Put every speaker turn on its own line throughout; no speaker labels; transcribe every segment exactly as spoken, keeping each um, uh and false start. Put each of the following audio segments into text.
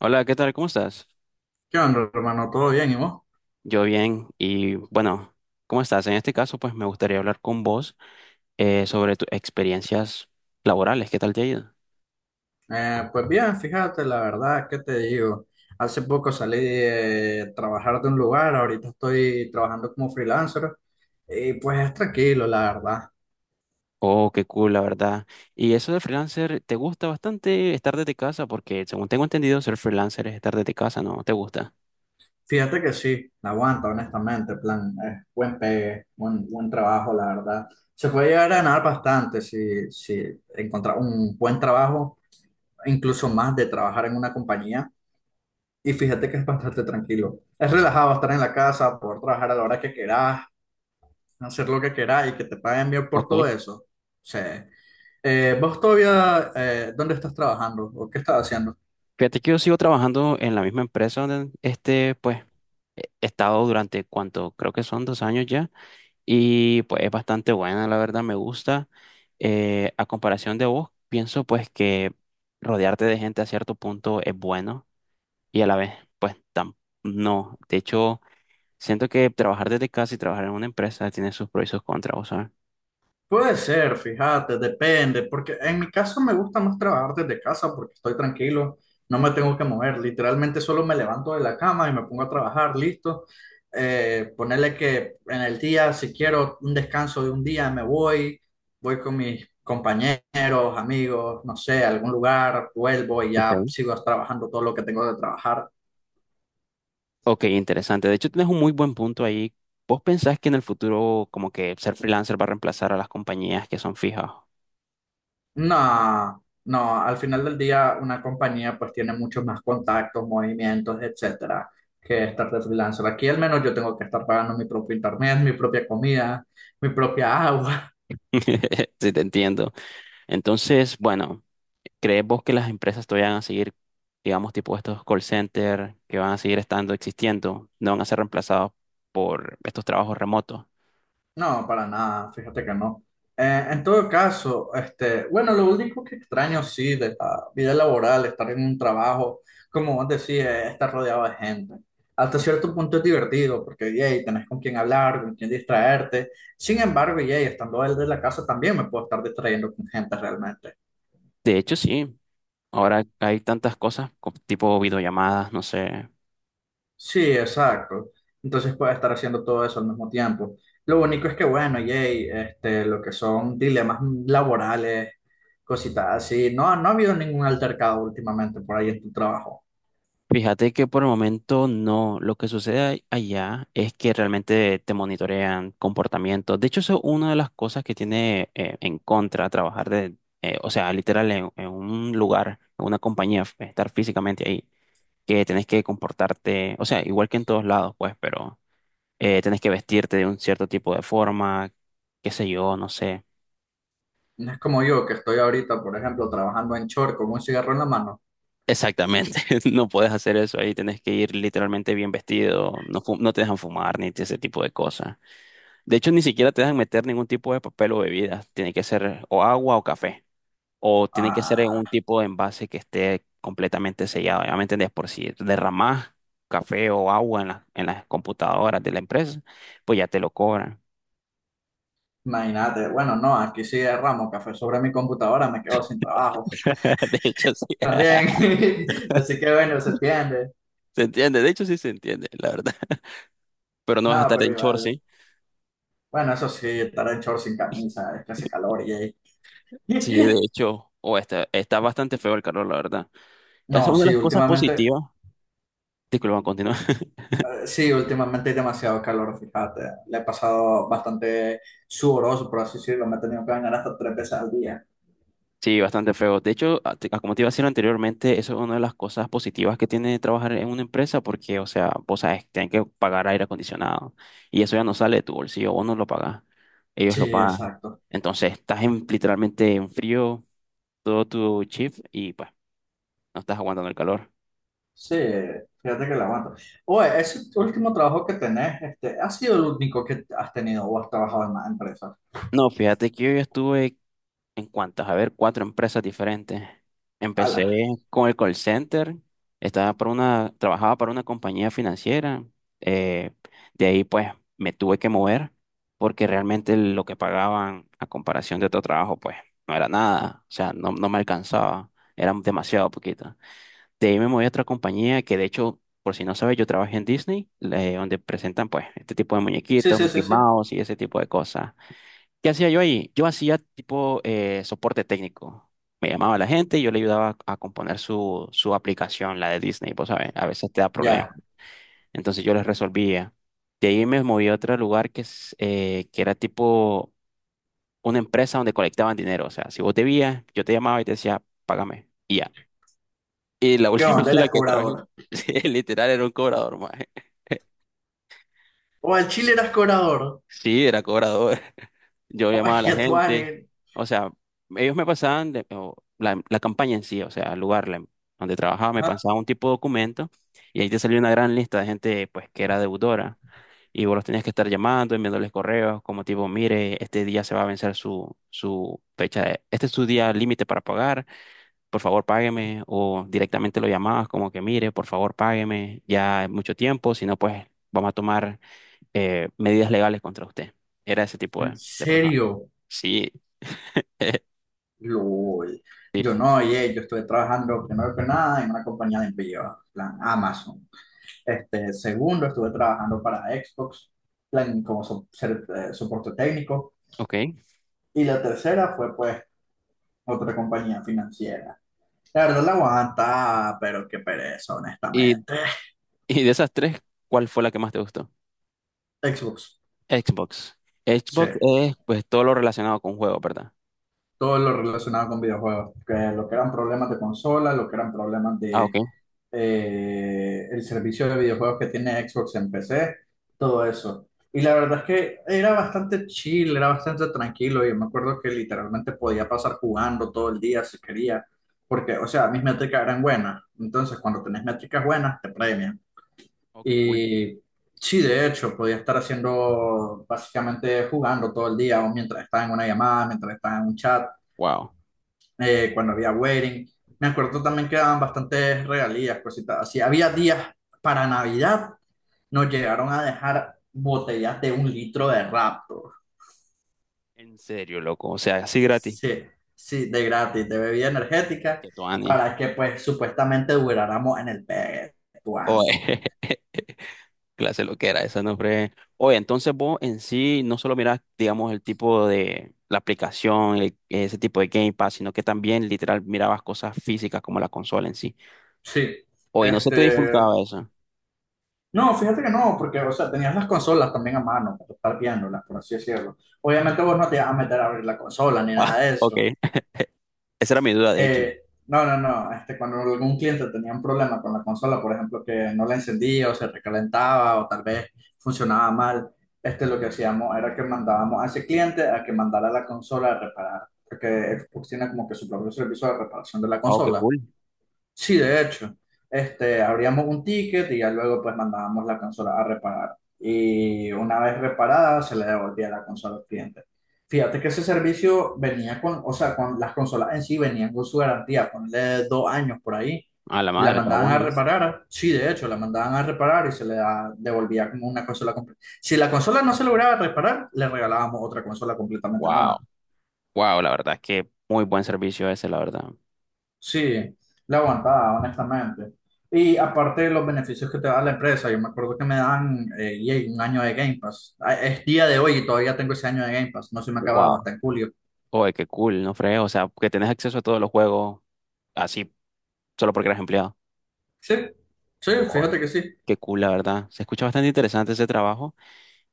Hola, ¿qué tal? ¿Cómo estás?
¿Qué onda, hermano? ¿Todo bien? ¿Y vos?
Yo bien y bueno, ¿cómo estás? En este caso, pues me gustaría hablar con vos eh, sobre tus experiencias laborales. ¿Qué tal te ha ido?
Eh, pues bien, fíjate, la verdad, ¿qué te digo? Hace poco salí de trabajar de un lugar, ahorita estoy trabajando como freelancer y pues es tranquilo, la verdad.
Oh, qué cool, la verdad. Y eso de freelancer, ¿te gusta bastante estar desde casa? Porque según tengo entendido, ser freelancer es estar desde casa, ¿no? ¿Te gusta?
Fíjate que sí, la aguanta, honestamente, plan, eh, buen pegue, buen, buen trabajo, la verdad. Se puede llegar a ganar bastante si, si encontrar un buen trabajo, incluso más de trabajar en una compañía. Y fíjate que es bastante tranquilo. Es relajado estar en la casa, poder trabajar a la hora que querás hacer lo que queráis y que te paguen bien
Ok.
por todo eso. O sea, eh, vos todavía, eh, ¿dónde estás trabajando o qué estás haciendo?
Fíjate que yo sigo trabajando en la misma empresa donde este, pues, he estado durante cuánto, creo que son dos años ya. Y pues es bastante buena, la verdad, me gusta. Eh, a comparación de vos, pienso pues que rodearte de gente a cierto punto es bueno y a la vez pues tam- no. De hecho, siento que trabajar desde casa y trabajar en una empresa tiene sus pros y sus contras, ¿vos sabes?
Puede ser, fíjate, depende, porque en mi caso me gusta más trabajar desde casa porque estoy tranquilo, no me tengo que mover, literalmente solo me levanto de la cama y me pongo a trabajar, listo. Eh, ponerle que en el día, si quiero un descanso de un día, me voy, voy con mis compañeros, amigos, no sé, a algún lugar, vuelvo y ya
Ok.
sigo trabajando todo lo que tengo de trabajar.
Ok, interesante. De hecho, tienes un muy buen punto ahí. ¿Vos pensás que en el futuro como que ser freelancer va a reemplazar a las compañías que son fijas?
No, no, al final del día una compañía pues tiene muchos más contactos, movimientos, etcétera, que estar de freelancer. Aquí al menos yo tengo que estar pagando mi propio internet, mi propia comida, mi propia agua.
Sí, te entiendo. Entonces, bueno. ¿Crees vos que las empresas todavía van a seguir, digamos, tipo estos call centers que van a seguir estando, existiendo, no van a ser reemplazados por estos trabajos remotos?
No, para nada, fíjate que no. Eh, en todo caso, este, bueno, lo único que extraño sí de la vida laboral, estar en un trabajo, como vos decís, es estar rodeado de gente. Hasta cierto punto es divertido porque, yay, tenés con quién hablar, con quién distraerte. Sin embargo, yay, estando él de la casa también me puedo estar distrayendo con gente realmente.
De hecho, sí. Ahora hay tantas cosas, co- tipo videollamadas, no sé.
Sí, exacto. Entonces puedes estar haciendo todo eso al mismo tiempo. Lo único es que, bueno, yay, este, lo que son dilemas laborales, cositas así. No, no ha habido ningún altercado últimamente por ahí en tu trabajo.
Fíjate que por el momento no. Lo que sucede ahí- allá es que realmente te monitorean comportamientos. De hecho, eso es una de las cosas que tiene eh, en contra trabajar de, eh, o sea, literal en, en un lugar, en una compañía, f- estar físicamente ahí. Que tenés que comportarte, o sea, igual que en todos lados, pues, pero eh, tenés que vestirte de un cierto tipo de forma, qué sé yo, no sé.
No es como yo, que estoy ahorita, por ejemplo, trabajando en short con un cigarro en la mano.
Exactamente, no puedes hacer eso ahí, tenés que ir literalmente bien vestido, no, fu- no te dejan fumar ni ese tipo de cosas. De hecho, ni siquiera te dejan meter ningún tipo de papel o bebida, tiene que ser o agua o café, o tiene que ser en un
Ah,
tipo de envase que esté completamente sellado, ya me entendés, por si derramás café o agua en la- en las computadoras de la empresa, pues ya te lo cobran.
imagínate, bueno, no, aquí sí derramo café sobre mi computadora, me quedo sin trabajo
De hecho, sí.
también. Así que bueno, se entiende.
Se entiende, de hecho, sí se entiende, la verdad. Pero no vas a
No,
estar
pero
en short,
igual.
sí.
Bueno, eso sí, estar en shorts sin camisa, es que hace calor y ahí.
Sí, de hecho, o está, está bastante feo el calor, la verdad. Es
No,
una de
sí,
las cosas
últimamente,
positivas. Disculpa, continúa.
eh, sí, últimamente hay demasiado calor, fíjate. Le he pasado bastante sudoroso, por así decirlo, me he tenido que bañar hasta tres veces al día.
Sí, bastante feo. De hecho, a- te- como te iba a decir anteriormente, eso es una de las cosas positivas que tiene trabajar en una empresa, porque, o sea, vos sabes, tienen que pagar aire acondicionado. Y eso ya no sale de tu bolsillo, vos no lo pagás. Ellos
Sí,
lo pagan.
exacto.
Entonces, estás en, literalmente en frío todo tu shift y pues no estás aguantando el calor.
Sí, fíjate que la aguanto. Oye, ese último trabajo que tenés, este, ¿ha sido el único que has tenido o has trabajado en más empresas?
No, fíjate que yo ya estuve en cuantas, a ver, cuatro empresas diferentes. Empecé
Ala.
con el call center, estaba para una, trabajaba para una compañía financiera. eh, de ahí pues me tuve que mover porque realmente lo que pagaban a comparación de otro trabajo pues no era nada, o sea, no, no me alcanzaba, era demasiado poquito. De ahí me moví a otra compañía que de hecho, por si no sabes, yo trabajé en Disney, eh, donde presentan pues este tipo de
Sí,
muñequitos,
sí,
Mickey
sí, sí.
Mouse y ese tipo de cosas. ¿Qué hacía yo ahí? Yo hacía tipo eh, soporte técnico. Me llamaba la gente y yo le ayudaba a componer su, su aplicación, la de Disney, pues, ¿sabes? A veces te da problemas.
Ya.
Entonces yo les resolvía. De ahí me moví a otro lugar que, es, eh, que era tipo una empresa donde colectaban dinero. O sea, si vos debías, yo te llamaba y te decía, págame. Y ya. Y la
¿Qué
última
onda?
en la
Eras
que trabajé,
cobrador.
sí, literal, era un cobrador, maje.
O al Chile eras cobrador.
Sí, era cobrador. Yo
O es
llamaba a la
que tú,
gente,
Ani.
o sea, ellos me pasaban de- o la, la campaña en sí, o sea, el lugar la- donde trabajaba, me pasaban un tipo de documento y ahí te salía una gran lista de gente pues que era deudora y vos los tenías que estar llamando, enviándoles correos como tipo, mire, este día se va a vencer su, su fecha, de- este es su día límite para pagar, por favor págueme o directamente lo llamabas como que, mire, por favor págueme, ya es mucho tiempo, si no pues vamos a tomar eh, medidas legales contra usted. Era ese tipo
En
de, de personas.
serio,
Sí.
LOL. Yo no, oye, yo estuve trabajando primero que nada en una compañía de envío, plan Amazon. Este, segundo, estuve trabajando para Xbox, plan como so- ser- eh, soporte técnico.
Ok.
Y la tercera fue, pues, otra compañía financiera. La verdad la aguanta, pero qué pereza,
Y,
honestamente.
y de esas tres, ¿cuál fue la que más te gustó?
Xbox,
Xbox.
sí.
Xbox es pues todo lo relacionado con juegos, ¿verdad?
Todo lo relacionado con videojuegos, que lo que eran problemas de consola, lo que eran problemas
Ah, ok.
de eh, el servicio de videojuegos que tiene Xbox en P C, todo eso. Y la verdad es que era bastante chill, era bastante tranquilo. Yo me acuerdo que literalmente podía pasar jugando todo el día si quería, porque, o sea, mis métricas eran buenas. Entonces, cuando tenés métricas buenas, te premian.
Ok, cool.
Y sí, de hecho, podía estar haciendo, básicamente jugando todo el día, o mientras estaba en una llamada, mientras estaba en un chat
Wow.
eh, cuando había wedding. Me acuerdo también que daban bastantes regalías, cositas así. Había días para Navidad, nos llegaron a dejar botellas de un litro de Raptor.
En serio, loco. O sea, así gratis.
Sí, sí, de gratis, de bebida energética,
Que tu ani.
para que pues supuestamente duráramos en el Betuani.
Oye, clase lo que era esa, no fue. Oye, entonces vos en sí no solo mirás, digamos, el tipo de la aplicación, el- ese tipo de Game Pass, sino que también literal mirabas cosas físicas como la consola en sí.
Sí,
Oye, no se te
este...
disfrutaba eso.
No, fíjate que no, porque, o sea, tenías las consolas también a mano para estar viéndolas, por así decirlo. Obviamente vos no te ibas a meter a abrir la consola ni
Ah,
nada de
ok.
eso.
Esa era mi duda, de hecho.
Eh, no, no, no. Este, cuando algún cliente tenía un problema con la consola, por ejemplo, que no la encendía o se recalentaba o tal vez funcionaba mal, este, lo que hacíamos era que mandábamos a ese cliente a que mandara la consola a reparar, porque Xbox tiene como que su propio servicio de reparación de la
Oh, qué
consola.
cool.
Sí, de hecho, este, abríamos un ticket y ya luego pues mandábamos la consola a reparar. Y una vez reparada se le devolvía la consola al cliente. Fíjate que ese servicio venía con, o sea, con las consolas en sí venían con su garantía, ponle dos años por ahí.
A la
Y la
madre, está
mandaban a
bueno, eso.
reparar. Sí, de hecho, la mandaban a reparar y se le da- devolvía como una consola completa. Si la consola no se lograba reparar, le regalábamos otra consola completamente
Wow.
nueva.
Wow, la verdad es que muy buen servicio ese, la verdad.
Sí, la aguantaba, honestamente. Y aparte de los beneficios que te da la empresa, yo me acuerdo que me dan eh, yay, un año de Game Pass. Ah, es día de hoy y todavía tengo ese año de Game Pass. No se me ha acabado
Wow.
hasta en julio.
Oye, qué cool, no fregues. O sea, que tenés acceso a todos los juegos así, solo porque eres empleado.
Sí, sí,
Oye,
fíjate que sí.
qué cool, la verdad. Se escucha bastante interesante ese trabajo.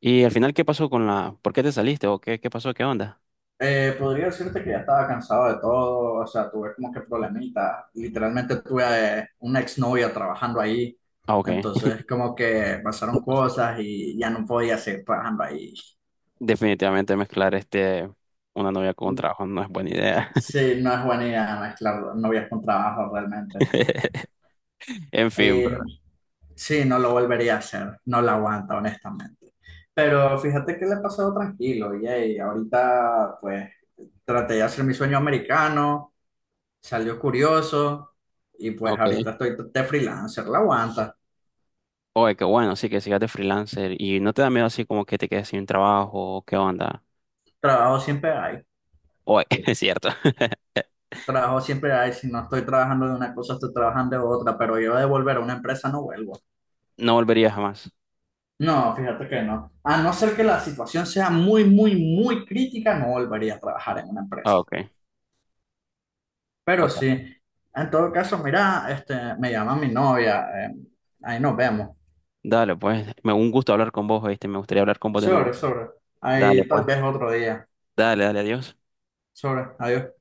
Y al final, ¿qué pasó con la... ¿Por qué te saliste? ¿O qué, qué pasó? ¿Qué onda?
Eh, podría decirte que ya estaba cansado de todo, o sea, tuve como que problemitas. Literalmente tuve eh, una exnovia trabajando ahí.
Ah, ok.
Entonces, como que pasaron cosas y ya no podía seguir trabajando ahí.
Definitivamente mezclar este... una novia con un trabajo no es buena idea.
Sí, no es buena idea mezclar novias con trabajo realmente.
En fin,
Eh,
bro.
sí, no lo volvería a hacer, no lo aguanta, honestamente. Pero fíjate que le he pasado tranquilo, y ahorita pues traté de hacer mi sueño americano, salió curioso y pues
Ok.
ahorita estoy de freelancer, la aguanta,
Oye, qué bueno, sí, que sigas de freelancer y no te da miedo así como que te quedes sin trabajo, ¿qué onda?
trabajo siempre hay,
Oye, es cierto,
trabajo siempre hay, si no estoy trabajando de una cosa, estoy trabajando de otra, pero yo de volver a una empresa no vuelvo.
no volvería jamás.
No, fíjate que no. A no ser que la situación sea muy, muy, muy crítica, no volvería a trabajar en una
Ah,
empresa.
ok. O
Pero
sea,
sí, en todo caso, mira, este, me llama mi novia, eh, ahí nos vemos.
dale, pues, me un gusto hablar con vos, ¿viste? Me gustaría hablar con vos de nuevo.
Sobre, sobre,
Dale,
ahí tal
pues,
vez otro día.
dale, dale, adiós.
Sobre, adiós.